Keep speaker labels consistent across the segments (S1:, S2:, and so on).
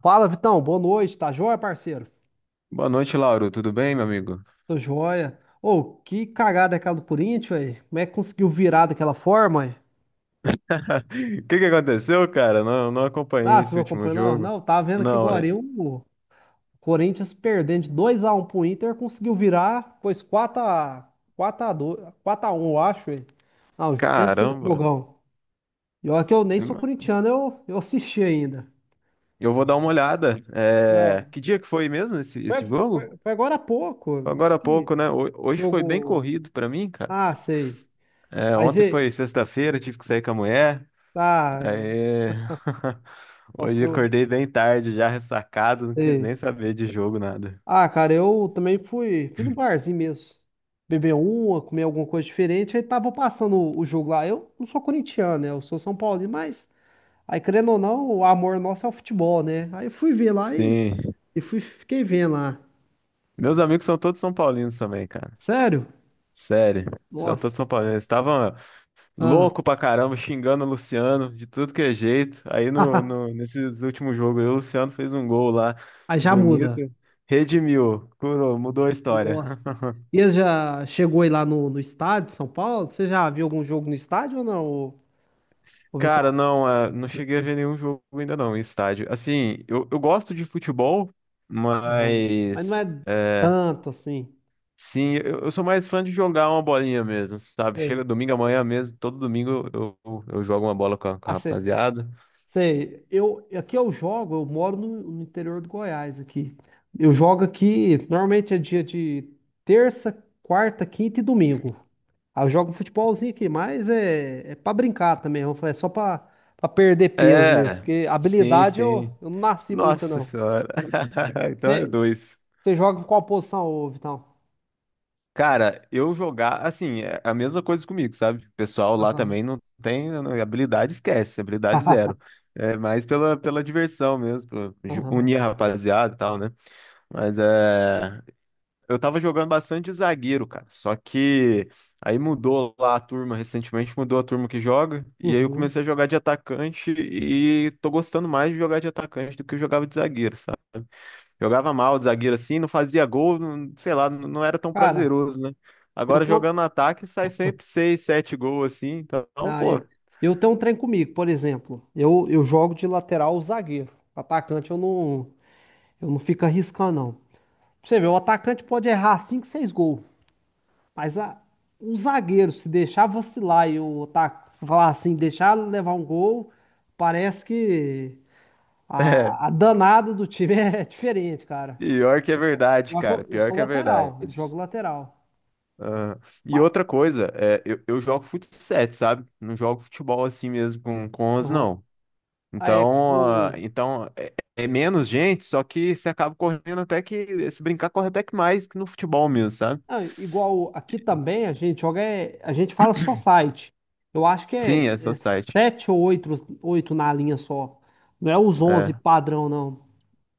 S1: Fala, Vitão. Boa noite. Tá joia, parceiro?
S2: Boa noite, Lauro. Tudo bem, meu amigo?
S1: Tô joia. Ô, que cagada é aquela do Corinthians, velho. Como é que conseguiu virar daquela forma, ué?
S2: O que que aconteceu, cara? Não, não acompanhei
S1: Ah, você
S2: esse
S1: não
S2: último
S1: acompanhou, não?
S2: jogo.
S1: Não, tava vendo que
S2: Não,
S1: agora o Corinthians perdendo de 2-1 pro Inter, conseguiu virar, pois 4x2, 4x1, eu acho, ué. Não, pensa no
S2: caramba.
S1: jogão. E olha que eu nem sou corintiano, eu assisti ainda.
S2: Eu vou dar uma olhada. É,
S1: Não,
S2: que dia que foi mesmo esse jogo?
S1: foi agora há pouco.
S2: Foi agora
S1: Acho
S2: há
S1: que
S2: pouco, né? Hoje foi bem
S1: jogo.
S2: corrido pra mim, cara.
S1: Ah, sei.
S2: É,
S1: Mas
S2: ontem
S1: e.
S2: foi sexta-feira, tive que sair com a mulher.
S1: Ah, é.
S2: Aí.
S1: Nossa,
S2: Hoje
S1: eu.
S2: acordei bem tarde, já ressacado, não quis nem
S1: Sei.
S2: saber de jogo, nada.
S1: Ah, cara, eu também fui no barzinho mesmo. Beber uma, comer alguma coisa diferente. Aí tava passando o jogo lá. Eu não sou corintiano, né? Eu sou São Paulino, mas aí, querendo ou não, o amor nosso é o futebol, né? Aí eu fui ver lá e,
S2: Sim.
S1: e fiquei vendo lá.
S2: Meus amigos são todos São Paulinos também, cara.
S1: Sério?
S2: Sério. São todos
S1: Nossa.
S2: São Paulinos. Estavam.
S1: Ah.
S2: Louco pra caramba, xingando o Luciano de tudo que é jeito. Aí no, no, nesses últimos jogos, aí o Luciano fez um gol lá,
S1: Aí já
S2: bonito,
S1: muda.
S2: redimiu, curou, mudou a história.
S1: Nossa. E você já chegou aí lá no estádio de São Paulo? Você já viu algum jogo no estádio ou não, ô
S2: Cara,
S1: Vitor?
S2: não, não cheguei a ver nenhum jogo ainda não, em estádio. Assim, eu gosto de futebol,
S1: Ô, mas não é
S2: mas
S1: tanto assim.
S2: sim, eu sou mais fã de jogar uma bolinha mesmo, sabe? Chega domingo amanhã mesmo, todo domingo eu jogo uma bola com a
S1: Sei.
S2: rapaziada.
S1: Sei, eu aqui eu jogo, eu moro no interior do Goiás aqui. Eu jogo aqui, normalmente é dia de terça, quarta, quinta e domingo. Aí eu jogo um futebolzinho aqui, mas é, é para brincar também, eu falei, é só para perder peso mesmo,
S2: É,
S1: porque
S2: sim,
S1: habilidade eu,
S2: sim.
S1: eu não nasci muita
S2: Nossa
S1: não.
S2: senhora. Então é
S1: Você
S2: dois.
S1: você joga em qual posição, ô Vitão?
S2: Cara, eu jogar, assim, é a mesma coisa comigo, sabe? O pessoal lá
S1: Aham.
S2: também não tem habilidade, esquece, habilidade zero. É mais pela diversão mesmo, pra
S1: Aham.
S2: unir a rapaziada e tal, né? Mas é. Eu tava jogando bastante de zagueiro, cara. Só que aí mudou lá a turma, recentemente mudou a turma que joga. E aí eu
S1: Uhum.
S2: comecei a jogar de atacante e tô gostando mais de jogar de atacante do que eu jogava de zagueiro. Jogava mal de zagueiro assim, não fazia gol, sei lá, não era tão
S1: Cara,
S2: prazeroso, né?
S1: eu
S2: Agora
S1: tenho,
S2: jogando no ataque sai sempre seis, sete gols assim, então,
S1: ah, é.
S2: pô,
S1: Eu tenho um trem comigo, por exemplo. Eu jogo de lateral ou zagueiro. Atacante eu não fico arriscando, não. Pra Você vê, o atacante pode errar 5, 6 gols. Mas o zagueiro, se deixar vacilar e o ataque falar assim, deixar levar um gol, parece que
S2: é,
S1: a danada do time é diferente, cara.
S2: pior que é verdade,
S1: Só que Eu,
S2: cara,
S1: eu
S2: pior
S1: sou
S2: que é verdade.
S1: lateral, jogo lateral.
S2: Ah, e
S1: Mas,
S2: outra coisa, eu jogo fut 7, sabe? Não jogo futebol assim mesmo com 11,
S1: aham.
S2: não.
S1: Ah, é,
S2: Então, ah,
S1: com,
S2: então é menos gente, só que você acaba correndo até que, se brincar, corre até que mais que no futebol mesmo, sabe?
S1: ah, igual aqui também a gente joga, é, a gente fala só site. Eu acho que é,
S2: Sim, é só
S1: é
S2: site.
S1: sete ou oito na linha só. Não é os 11 padrão, não.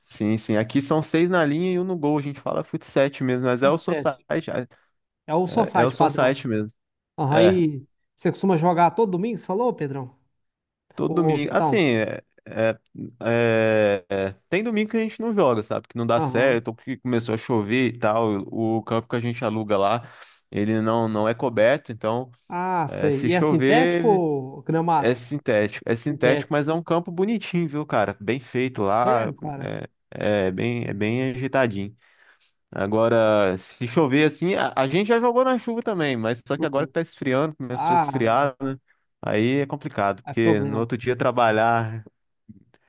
S2: Sim, sim. Aqui são seis na linha e um no gol. A gente fala fut 7 mesmo, mas é o
S1: Tudo sete.
S2: society. É
S1: É o só
S2: é o
S1: site padrão.
S2: society mesmo. É,
S1: Aí você costuma jogar todo domingo, você falou, Pedrão?
S2: todo
S1: Ô,
S2: domingo. Assim,
S1: Vitão.
S2: tem domingo que a gente não joga, sabe? Que não dá
S1: Aham.
S2: certo, ou que começou a chover e tal. O campo que a gente aluga lá, ele não é coberto, então
S1: Ah, sei.
S2: se
S1: E é sintético
S2: chover.
S1: ou gramado?
S2: É sintético,
S1: Sintético.
S2: mas é um campo bonitinho, viu, cara? Bem feito lá,
S1: Sério, cara?
S2: né? É bem ajeitadinho. Agora, se chover assim, a gente já jogou na chuva também, mas só que agora
S1: Uhum.
S2: que tá esfriando, começou a
S1: Ah,
S2: esfriar, né? Aí é complicado,
S1: é
S2: porque no
S1: problema.
S2: outro dia trabalhar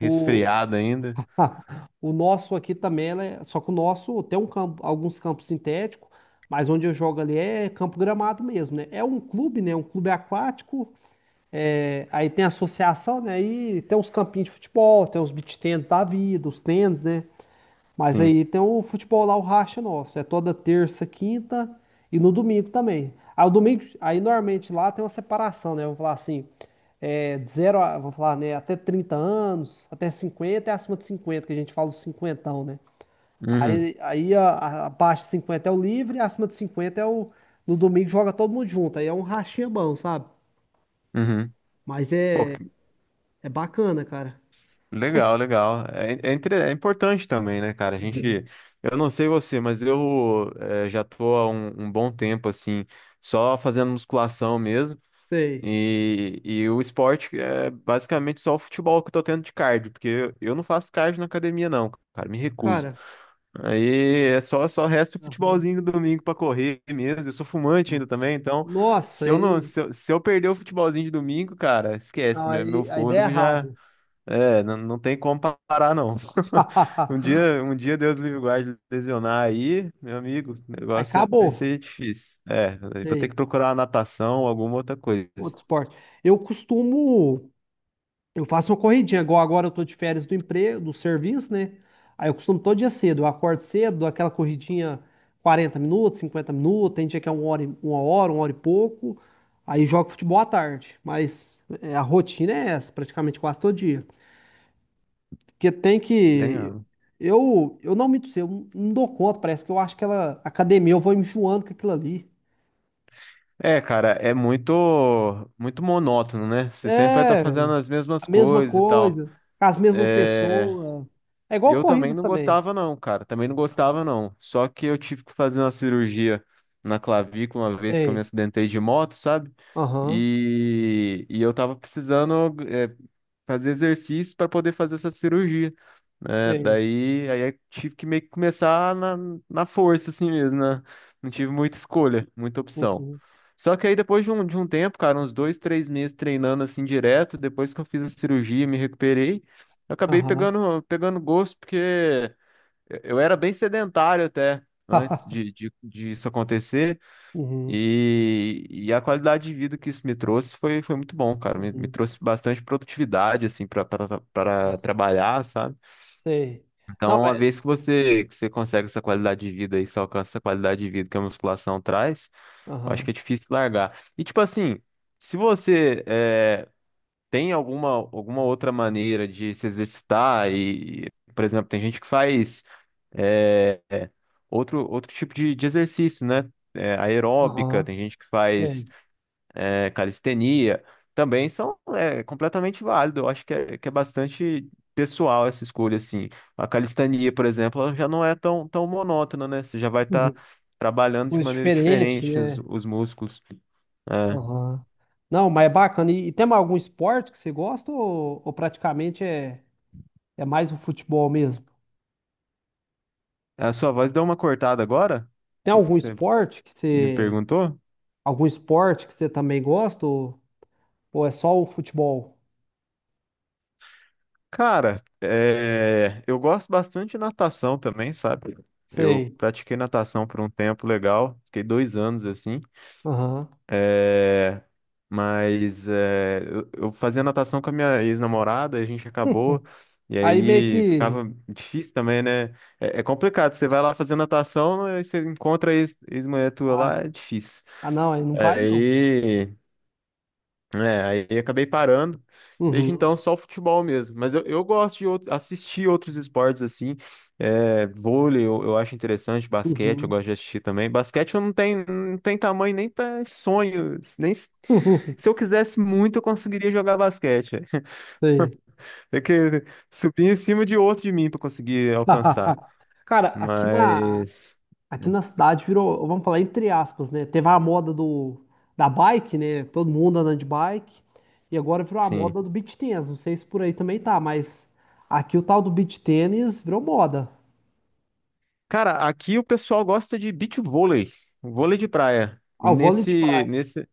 S1: O,
S2: ainda.
S1: o nosso aqui também, né? Só que o nosso tem um campo, alguns campos sintéticos, mas onde eu jogo ali é campo gramado mesmo, né? É um clube, né? Um clube aquático. É, aí tem a associação, né? Aí tem os campinhos de futebol, tem os beach tennis da vida, os tênis, né? Mas
S2: Sim.
S1: aí tem o futebol lá, o racha nosso. É toda terça, quinta e no domingo também. Aí, o domingo, aí normalmente lá tem uma separação, né? Vamos falar assim, é, de 0 a, vamos falar, né? Até 30 anos, até 50 e acima de 50 que a gente fala os cinquentão, né?
S2: Uhum,
S1: Aí abaixo de 50 é o livre, acima de 50 é o. No domingo joga todo mundo junto. Aí é um rachinha bom, sabe?
S2: uhum.
S1: Mas
S2: Pô,
S1: é, é bacana, cara.
S2: legal,
S1: Mas,
S2: legal. É importante também, né, cara? A
S1: uhum,
S2: gente. Eu não sei você, mas eu já tô há um bom tempo, assim, só fazendo musculação mesmo.
S1: sei.
S2: E o esporte é basicamente só o futebol que eu tô tendo de cardio, porque eu não faço cardio na academia, não, cara, me recuso.
S1: Cara,
S2: Aí é só resta o
S1: aham.
S2: futebolzinho do domingo pra correr mesmo. Eu sou fumante
S1: Aham.
S2: ainda também, então
S1: Nossa,
S2: se eu não, se eu, se eu perder o futebolzinho de domingo, cara, esquece, meu
S1: aí der
S2: fôlego já
S1: errado.
S2: não tem como parar, não. Um dia, um dia Deus livre e guarde lesionar aí, meu amigo, o
S1: Aí
S2: negócio vai
S1: acabou.
S2: ser difícil. É, vou ter
S1: Sei.
S2: que procurar uma natação ou alguma outra coisa.
S1: Outro esporte. Eu costumo. Eu faço uma corridinha, igual agora eu tô de férias do emprego, do serviço, né? Aí eu costumo todo dia cedo. Eu acordo cedo, dou aquela corridinha 40 minutos, 50 minutos. Tem dia que é 1 hora, uma hora, uma hora e pouco. Aí jogo futebol à tarde. Mas é, a rotina é essa, praticamente quase todo dia. Porque tem que.
S2: Né?
S1: Eu não dou conta, parece que eu acho que ela, academia, eu vou enjoando com aquilo ali.
S2: É, cara, é muito muito monótono, né? Você sempre vai estar
S1: É,
S2: fazendo as mesmas
S1: a mesma
S2: coisas e tal.
S1: coisa, com as mesmas
S2: É,
S1: pessoas. É igual
S2: eu também
S1: corrida
S2: não
S1: também.
S2: gostava não, cara. Também não gostava não. Só que eu tive que fazer uma cirurgia na clavícula uma vez que eu me
S1: Sei.
S2: acidentei de moto, sabe?
S1: Aham.
S2: E eu tava precisando fazer exercícios para poder fazer essa cirurgia, né?
S1: Sei.
S2: Daí aí eu tive que meio que começar na força assim mesmo, né? Não tive muita escolha, muita opção.
S1: Uhum.
S2: Só que aí depois de um tempo, cara, uns 2, 3 meses treinando assim direto, depois que eu fiz a cirurgia, e me recuperei, eu acabei
S1: Aham.
S2: pegando gosto porque eu era bem sedentário até antes de, de, de isso acontecer.
S1: Uhum.
S2: E a qualidade de vida que isso me trouxe foi muito bom, cara. Me
S1: Uhum.
S2: trouxe bastante produtividade, assim, para
S1: Nossa,
S2: trabalhar, sabe?
S1: sei. Não,
S2: Então, uma
S1: é.
S2: vez que você consegue essa qualidade de vida e você alcança essa qualidade de vida que a musculação traz, eu acho que
S1: Aham.
S2: é difícil largar. E, tipo assim, se você tem alguma outra maneira de se exercitar por exemplo, tem gente que faz eh, outro tipo de exercício, né? Aeróbica,
S1: Aham.
S2: tem gente que faz
S1: Sei.
S2: calistenia, também são completamente válido. Eu acho que é bastante pessoal essa escolha, assim. A calistenia, por exemplo, ela já não é tão monótona, né? Você já vai estar
S1: Uhum.
S2: trabalhando de
S1: Coisa
S2: maneira
S1: diferente,
S2: diferente os,
S1: né?
S2: os músculos. É.
S1: Aham. Não, mas é bacana. E tem algum esporte que você gosta ou praticamente é mais o futebol mesmo?
S2: A sua voz deu uma cortada agora? O
S1: Tem
S2: que
S1: algum
S2: que você
S1: esporte que
S2: me
S1: você,
S2: perguntou?
S1: algum esporte que você também gosta ou é só o futebol?
S2: Cara, é, eu gosto bastante de natação também, sabe? Eu
S1: Sei.
S2: pratiquei natação por um tempo legal, fiquei 2 anos assim.
S1: Aham.
S2: É, mas eu fazia natação com a minha ex-namorada, a gente acabou, e
S1: Aí meio
S2: aí
S1: que.
S2: ficava difícil também, né? É, é complicado, você vai lá fazer natação, aí você encontra a ex, mulher tua
S1: Ah,
S2: lá, é difícil.
S1: ah, não, aí não vai não.
S2: Aí aí eu acabei parando. Desde
S1: Uhum.
S2: então, só o futebol mesmo. Mas eu gosto de assistir outros esportes assim. É, vôlei eu acho interessante, basquete eu
S1: Uhum.
S2: gosto de assistir também. Basquete eu não tenho, não tem tamanho nem para sonho. Nem, se eu quisesse muito, eu conseguiria jogar basquete.
S1: Sei.
S2: Tem que subir em cima de outro de mim para conseguir alcançar.
S1: Cara,
S2: Mas,
S1: aqui na cidade virou, vamos falar entre aspas, né? Teve a moda da bike, né? Todo mundo andando de bike. E agora virou a
S2: sim.
S1: moda do beach tennis. Não sei se por aí também tá, mas aqui o tal do beach tennis virou moda.
S2: Cara, aqui o pessoal gosta de beach vôlei, vôlei de praia.
S1: Ah, o vôlei de
S2: Nesse,
S1: praia.
S2: nesse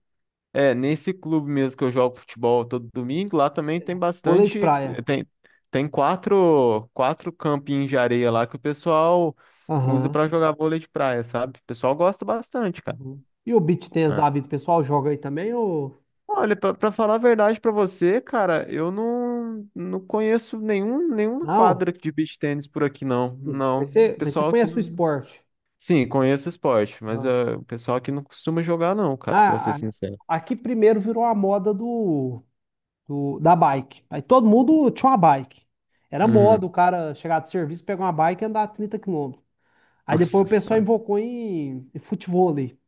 S2: É, nesse clube mesmo que eu jogo futebol todo domingo, lá também tem
S1: Vôlei de
S2: bastante,
S1: praia.
S2: tem, tem quatro campinhos de areia lá que o pessoal usa
S1: Aham.
S2: pra jogar vôlei de praia, sabe? O pessoal gosta bastante, cara.
S1: Uhum. E o beach tennis da
S2: Ah.
S1: vida, o pessoal joga aí também ou
S2: Olha, pra falar a verdade pra você, cara, eu não conheço nenhuma
S1: não?
S2: quadra de beach tênis por aqui, não.
S1: Uhum.
S2: Não, o
S1: Mas você
S2: pessoal que...
S1: conhece o
S2: não-
S1: esporte?
S2: Sim, conheço esporte, mas
S1: Né?
S2: o pessoal aqui não costuma jogar, não, cara, pra ser
S1: Ah, a-
S2: sincero.
S1: aqui primeiro virou a moda da bike. Aí todo mundo tinha uma bike. Era moda
S2: Uhum.
S1: o cara chegar do serviço, pegar uma bike e andar 30 km. Aí depois
S2: Nossa
S1: o pessoal invocou em futevôlei.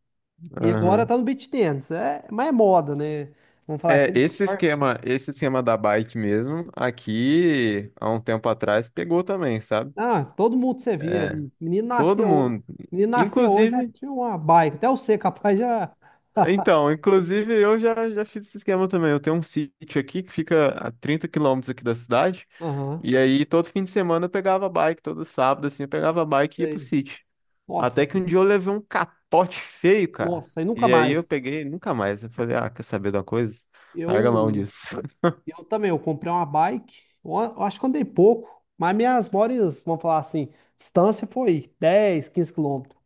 S1: E agora
S2: senhora.
S1: tá no beach tennis. É, mas é moda, né? Vamos falar aqui
S2: É,
S1: de esporte.
S2: esse esquema da bike mesmo, aqui há um tempo atrás pegou também, sabe?
S1: Ah, todo mundo você via. O Menino
S2: Todo
S1: nascia, ho-
S2: mundo,
S1: Menino nascia hoje já
S2: inclusive,
S1: tinha uma bike. Até você, capaz já.
S2: inclusive eu já fiz esse esquema também. Eu tenho um sítio aqui que fica a 30 quilômetros aqui da cidade,
S1: Aham.
S2: e aí todo fim de semana eu pegava a bike, todo sábado assim, eu pegava a bike e ia pro
S1: Sei.
S2: sítio.
S1: Nossa.
S2: Até que um dia eu levei um capote feio, cara.
S1: Nossa, e nunca
S2: E aí eu
S1: mais.
S2: peguei, nunca mais. Eu falei, ah, quer saber de uma coisa? Larga a mão
S1: Eu,
S2: disso.
S1: eu também, eu comprei uma bike, eu acho que andei pouco, mas minhas maiores, vamos falar assim, distância foi 10, 15 km.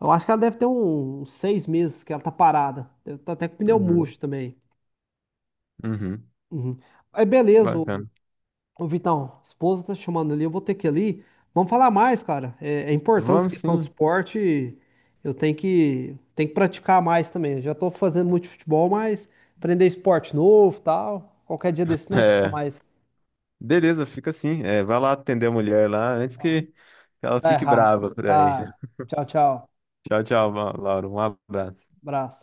S1: Eu acho que ela deve ter uns 6 meses que ela tá parada. Deve tá até com pneu
S2: Uhum,
S1: murcho também.
S2: uhum,
S1: Uhum. Aí beleza,
S2: bacana.
S1: ô, Vitão, esposa tá chamando ali, eu vou ter que ir ali. Vamos falar mais, cara. É, é importante essa
S2: Vamos
S1: questão de
S2: sim.
S1: esporte. Eu tenho que praticar mais também. Eu já tô fazendo muito futebol, mas aprender esporte novo, tal. Qualquer dia desse nós fala
S2: É,
S1: mais.
S2: beleza, fica assim. É, vai lá atender a mulher lá antes
S1: Tá,
S2: que ela
S1: tá
S2: fique
S1: errado.
S2: brava por aí.
S1: Tá. Tchau, tchau.
S2: Tchau, tchau, Laura. Um abraço.
S1: Abraço.